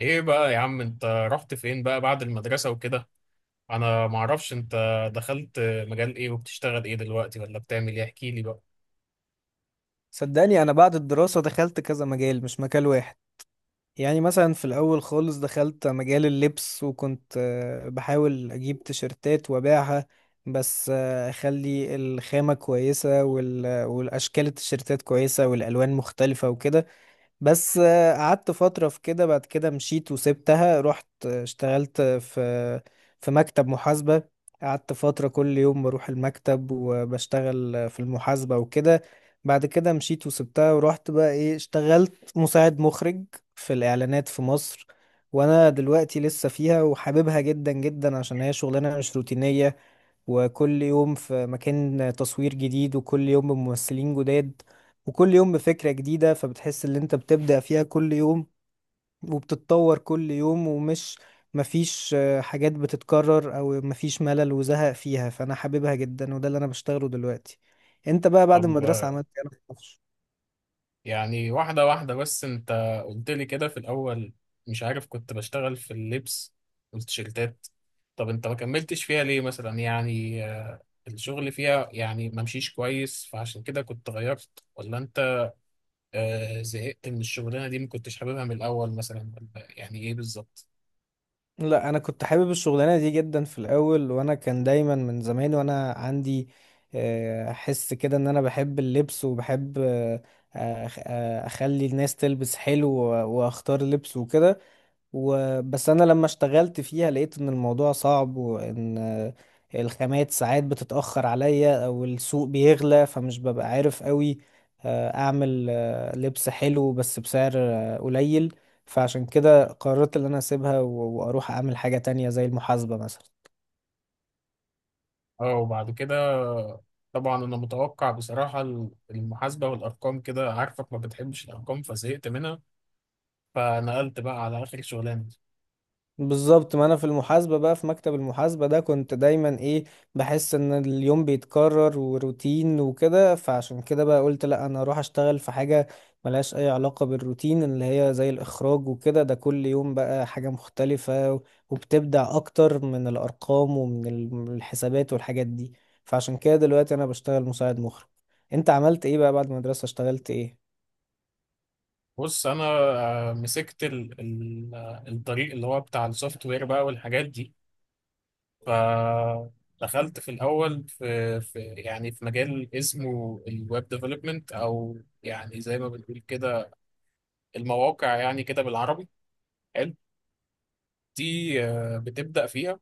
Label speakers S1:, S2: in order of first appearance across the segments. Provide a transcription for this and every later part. S1: ايه بقى يا عم، انت رحت فين بقى بعد المدرسة وكده؟ انا معرفش انت دخلت مجال ايه وبتشتغل ايه دلوقتي، ولا بتعمل ايه؟ احكي لي بقى.
S2: صدقني انا بعد الدراسة دخلت كذا مجال مش مجال واحد. يعني مثلا في الاول خالص دخلت مجال اللبس وكنت بحاول اجيب تيشرتات وابيعها. بس اخلي الخامة كويسة والاشكال التيشرتات كويسة والالوان مختلفة وكده. بس قعدت فترة في كده، بعد كده مشيت وسبتها، رحت اشتغلت في مكتب محاسبة. قعدت فترة كل يوم بروح المكتب وبشتغل في المحاسبة وكده. بعد كده مشيت وسبتها ورحت بقى ايه، اشتغلت مساعد مخرج في الإعلانات في مصر. وانا دلوقتي لسه فيها وحاببها جدا جدا عشان هي شغلانة مش روتينية، وكل يوم في مكان تصوير جديد، وكل يوم بممثلين جداد، وكل يوم بفكرة جديدة، فبتحس ان انت بتبدع فيها كل يوم وبتتطور كل يوم، ومش مفيش حاجات بتتكرر او مفيش ملل وزهق فيها، فانا حاببها جدا، وده اللي انا بشتغله دلوقتي. انت بقى بعد المدرسة
S1: طب
S2: عملت ايه؟ أنا معرفش.
S1: يعني واحدة واحدة. بس انت قلت لي كده في الاول، مش عارف، كنت بشتغل في اللبس والتيشيرتات. طب انت ما كملتش فيها ليه؟ مثلا يعني الشغل فيها يعني ما مشيش كويس فعشان كده كنت غيرت، ولا انت زهقت من الشغلانة دي، ما كنتش حاببها من الاول مثلا، ولا يعني ايه بالظبط؟
S2: لا، انا كنت حابب الشغلانه دي جدا في الاول، وانا كان دايما من زمان وانا عندي حس كده ان انا بحب اللبس وبحب اخلي الناس تلبس حلو واختار لبس وكده. وبس انا لما اشتغلت فيها لقيت ان الموضوع صعب، وان الخامات ساعات بتتأخر عليا او السوق بيغلى، فمش ببقى عارف قوي اعمل لبس حلو بس بسعر قليل. فعشان كده قررت ان انا اسيبها واروح اعمل حاجة تانية زي المحاسبة مثلا.
S1: اه، وبعد كده طبعا انا متوقع بصراحة المحاسبة والارقام، كده عارفك ما بتحبش الارقام فزهقت منها فنقلت بقى على اخر شغلانة.
S2: بالظبط، ما انا في المحاسبة بقى، في مكتب المحاسبة ده كنت دايما ايه بحس ان اليوم بيتكرر وروتين وكده، فعشان كده بقى قلت لا، انا اروح اشتغل في حاجة ملهاش اي علاقة بالروتين، اللي هي زي الاخراج وكده. ده كل يوم بقى حاجة مختلفة، وبتبدع اكتر من الارقام ومن ال- من الحسابات والحاجات دي. فعشان كده دلوقتي انا بشتغل مساعد مخرج. انت عملت ايه بقى بعد المدرسة؟ اشتغلت ايه؟
S1: بص انا مسكت ال ال الطريق اللي هو بتاع السوفت وير بقى والحاجات دي. فدخلت في الاول في يعني في مجال اسمه الويب ديفلوبمنت، او يعني زي ما بنقول كده المواقع، يعني كده بالعربي. حلو. دي بتبدأ فيها.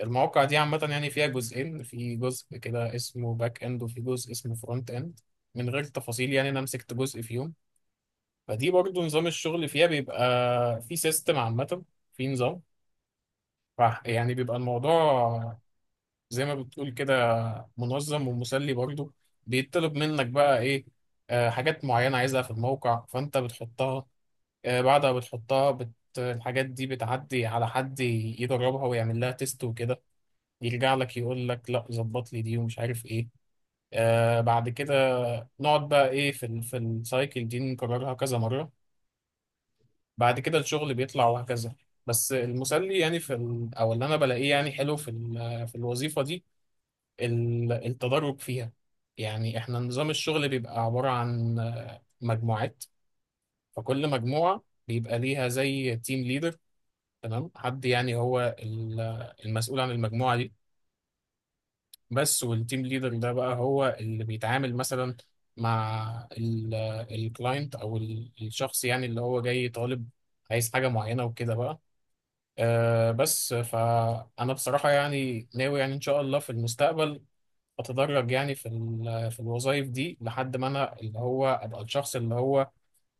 S1: المواقع دي عامة يعني فيها جزئين، في جزء كده اسمه باك اند وفي جزء اسمه فرونت اند. من غير تفاصيل يعني، انا مسكت جزء فيهم. فدي برضو نظام الشغل فيها بيبقى في سيستم عامة، في نظام. يعني بيبقى الموضوع زي ما بتقول كده منظم ومسلي برضو. بيطلب منك بقى ايه؟ آه، حاجات معينة عايزها في الموقع فانت بتحطها. آه، بعد ما بتحطها الحاجات دي بتعدي على حد يدربها ويعمل لها تيست وكده، يرجع لك يقول لك لا، ظبط لي دي ومش عارف ايه. آه، بعد كده نقعد بقى ايه في السايكل دي نكررها كذا مرة. بعد كده الشغل بيطلع وهكذا. بس المسلي يعني في ال او اللي انا بلاقيه يعني حلو في الوظيفة دي التدرج فيها. يعني احنا نظام الشغل بيبقى عبارة عن مجموعات. فكل مجموعة بيبقى ليها زي تيم ليدر، تمام، حد يعني هو المسؤول عن المجموعة دي. بس والتيم ليدر ده بقى هو اللي بيتعامل مثلا مع الكلاينت او الشخص يعني اللي هو جاي طالب عايز حاجة معينة وكده بقى. أه، بس فأنا بصراحة يعني ناوي، يعني إن شاء الله في المستقبل أتدرج يعني في الوظائف دي لحد ما أنا اللي هو أبقى الشخص اللي هو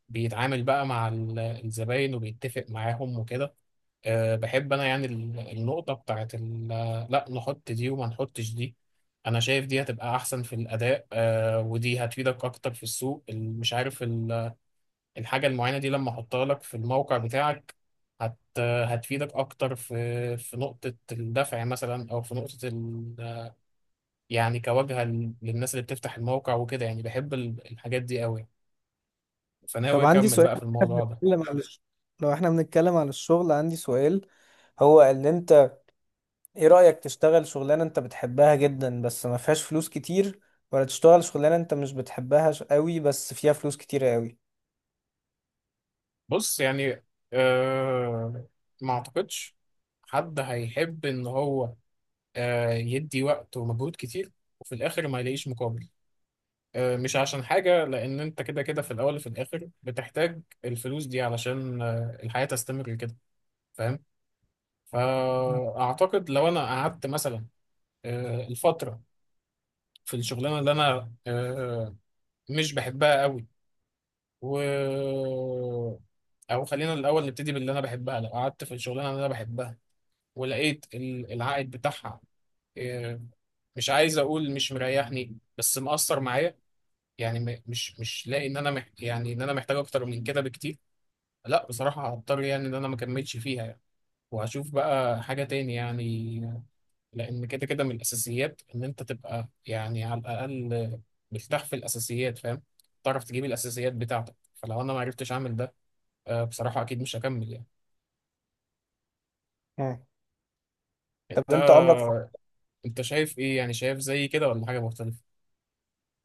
S1: بيتعامل بقى مع الزباين وبيتفق معاهم وكده. أه، بحب انا يعني النقطة بتاعت لا نحط دي وما نحطش دي. انا شايف دي هتبقى احسن في الاداء، أه، ودي هتفيدك اكتر في السوق، مش عارف الحاجة المعينة دي لما احطها لك في الموقع بتاعك هتفيدك اكتر في نقطة الدفع مثلا، او في نقطة ال، يعني كواجهة للناس اللي بتفتح الموقع وكده. يعني بحب الحاجات دي قوي، فناوي
S2: طب عندي
S1: اكمل
S2: سؤال.
S1: بقى في الموضوع ده.
S2: بنتكلم على الش- لو احنا بنتكلم على الشغل عندي سؤال. هو اللي انت، ايه رأيك تشتغل شغلانة انت بتحبها جدا بس ما فيهاش فلوس كتير، ولا تشتغل شغلانة انت مش بتحبها قوي بس فيها فلوس كتير قوي؟
S1: بص، يعني آه، ما اعتقدش حد هيحب ان هو آه، يدي وقت ومجهود كتير وفي الاخر ما يلاقيش مقابل. آه، مش عشان حاجة، لان انت كده كده في الاول وفي الاخر بتحتاج الفلوس دي علشان آه، الحياة تستمر كده، فاهم؟ فاعتقد لو انا قعدت مثلا آه، الفترة في الشغلانة اللي انا آه، مش بحبها قوي، و، او خلينا الاول نبتدي باللي انا بحبها. لو قعدت في الشغلانه اللي انا بحبها ولقيت العائد بتاعها آه، مش عايز اقول مش مريحني، بس مأثر معايا، يعني مش لاقي ان انا يعني ان انا محتاج اكتر من كده بكتير، لا، بصراحة هضطر يعني ان انا ما اكملش فيها يعني، وهشوف بقى حاجة تاني يعني. لان كده كده من الاساسيات ان انت تبقى يعني على الاقل مرتاح في الاساسيات، فاهم، تعرف تجيب الاساسيات بتاعتك. فلو انا ما عرفتش اعمل ده آه، بصراحة اكيد مش هكمل يعني.
S2: مم. طب
S1: انت
S2: انت عمرك.
S1: انت شايف ايه؟ يعني شايف زي كده ولا حاجة مختلفة؟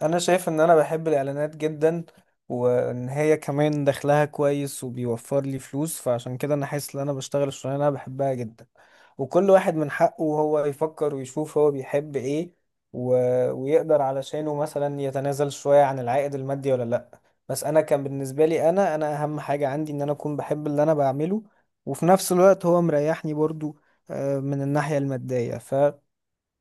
S2: انا شايف ان انا بحب الاعلانات جدا، وان هي كمان دخلها كويس وبيوفر لي فلوس، فعشان كده انا حاسس ان انا بشتغل الشغلانه اللي انا بحبها جدا. وكل واحد من حقه هو يفكر ويشوف هو بيحب ايه و... ويقدر علشانه مثلا يتنازل شويه عن العائد المادي ولا لا. بس انا كان بالنسبه لي، انا اهم حاجه عندي ان انا اكون بحب اللي انا بعمله، وفي نفس الوقت هو مريحني برضو من الناحيه الماديه.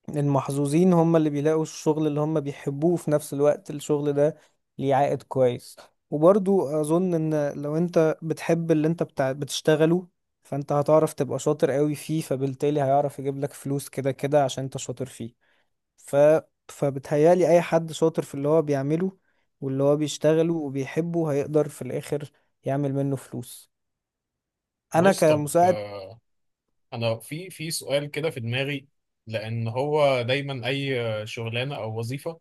S2: المحظوظين هم اللي بيلاقوا الشغل اللي هم بيحبوه في نفس الوقت الشغل ده ليه عائد كويس. وبرضو أظن إن لو أنت بتحب اللي أنت بتاع بتشتغله فأنت هتعرف تبقى شاطر قوي فيه، فبالتالي هيعرف يجيب لك فلوس كده كده عشان أنت شاطر فيه. ف... فبتهيالي أي حد شاطر في اللي هو بيعمله واللي هو بيشتغله وبيحبه هيقدر في الآخر يعمل منه فلوس. أنا
S1: بص، طب
S2: كمساعد.
S1: آه، انا في سؤال كده في دماغي. لان هو دايما اي آه، شغلانه او وظيفه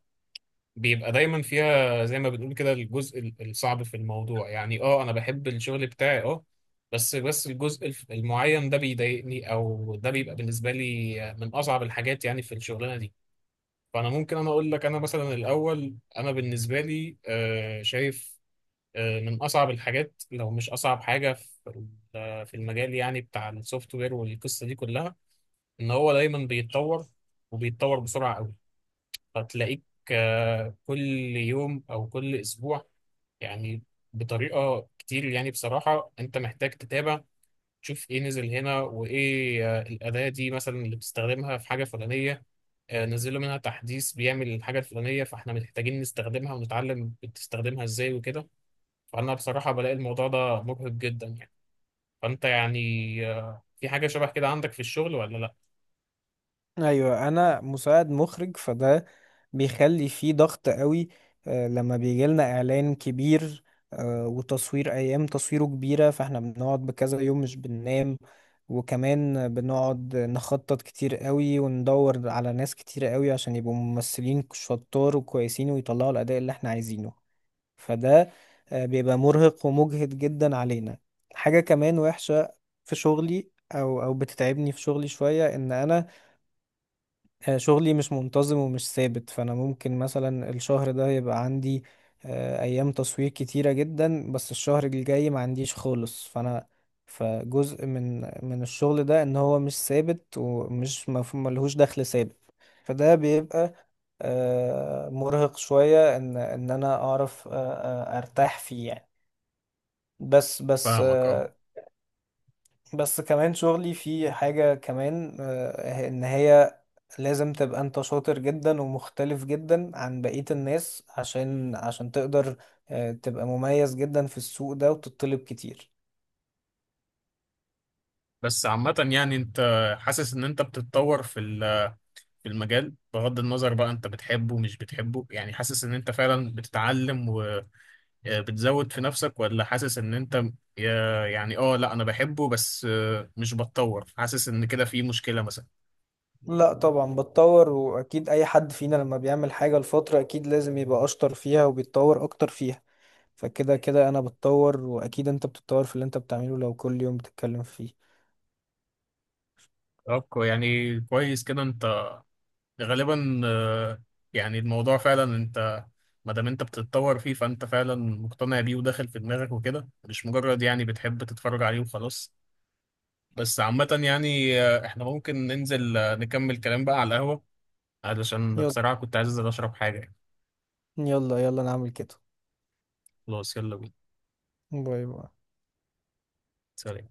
S1: بيبقى دايما فيها زي ما بنقول كده الجزء الصعب في الموضوع. يعني اه، انا بحب الشغل بتاعي، اه، بس الجزء المعين ده بيضايقني، او ده بيبقى بالنسبه لي آه، من اصعب الحاجات يعني في الشغلانه دي. فانا ممكن انا اقول لك انا مثلا الاول، انا بالنسبه لي آه، شايف آه، من أصعب الحاجات لو مش أصعب حاجة في المجال يعني بتاع السوفت وير والقصة دي كلها، إن هو دايما بيتطور وبيتطور بسرعة قوي. فتلاقيك آه، كل يوم أو كل أسبوع يعني بطريقة كتير يعني بصراحة أنت محتاج تتابع، تشوف إيه نزل هنا وإيه آه، الأداة دي مثلا اللي بتستخدمها في حاجة فلانية آه، نزلوا منها تحديث بيعمل الحاجة الفلانية فإحنا محتاجين نستخدمها ونتعلم بتستخدمها إزاي وكده. فأنا بصراحة بلاقي الموضوع ده مرهق جدا يعني. فأنت يعني آه، في حاجة شبه كده عندك في الشغل ولا لأ؟
S2: ايوه، انا مساعد مخرج، فده بيخلي فيه ضغط قوي لما بيجي لنا اعلان كبير وتصوير ايام تصويره كبيره، فاحنا بنقعد بكذا يوم مش بننام، وكمان بنقعد نخطط كتير قوي وندور على ناس كتير قوي عشان يبقوا ممثلين شطار وكويسين ويطلعوا الاداء اللي احنا عايزينه. فده بيبقى مرهق ومجهد جدا علينا. حاجه كمان وحشه في شغلي او بتتعبني في شغلي شويه، ان انا شغلي مش منتظم ومش ثابت، فانا ممكن مثلا الشهر ده يبقى عندي ايام تصوير كتيرة جدا بس الشهر الجاي ما عنديش خالص. فانا فجزء من الشغل ده ان هو مش ثابت، ومش ملهوش دخل ثابت. فده بيبقى مرهق شوية ان انا اعرف ارتاح فيه يعني. بس بس
S1: فاهمك، اه.
S2: آه، بس كمان شغلي فيه حاجة كمان ان هي لازم تبقى انت شاطر جدا ومختلف جدا عن بقية الناس عشان تقدر تبقى مميز جدا في السوق ده وتطلب كتير.
S1: بس عامة يعني أنت حاسس إن أنت بتتطور في المجال، بغض النظر بقى أنت بتحبه مش بتحبه، يعني حاسس إن أنت فعلا بتتعلم وبتزود في نفسك، ولا حاسس إن أنت يعني اه لا أنا بحبه بس آه، مش بتطور، حاسس إن كده في مشكلة مثلا؟
S2: لا، طبعا بتطور، واكيد اي حد فينا لما بيعمل حاجة لفترة اكيد لازم يبقى اشطر فيها وبيتطور اكتر فيها، فكده كده انا بتطور، واكيد انت بتتطور في اللي انت بتعمله لو كل يوم بتتكلم فيه.
S1: طب يعني كويس كده. غالبا آه، يعني الموضوع فعلا انت ما دام انت بتتطور فيه، فانت فعلا مقتنع بيه وداخل في دماغك وكده، مش مجرد يعني بتحب تتفرج عليه وخلاص. بس عامة يعني آه، احنا ممكن ننزل آه، نكمل كلام بقى على القهوة، علشان
S2: يلا،
S1: بصراحة كنت عايز انزل اشرب حاجة يعني.
S2: يلا يلا نعمل كده.
S1: خلاص يلا بينا.
S2: باي باي.
S1: سلام.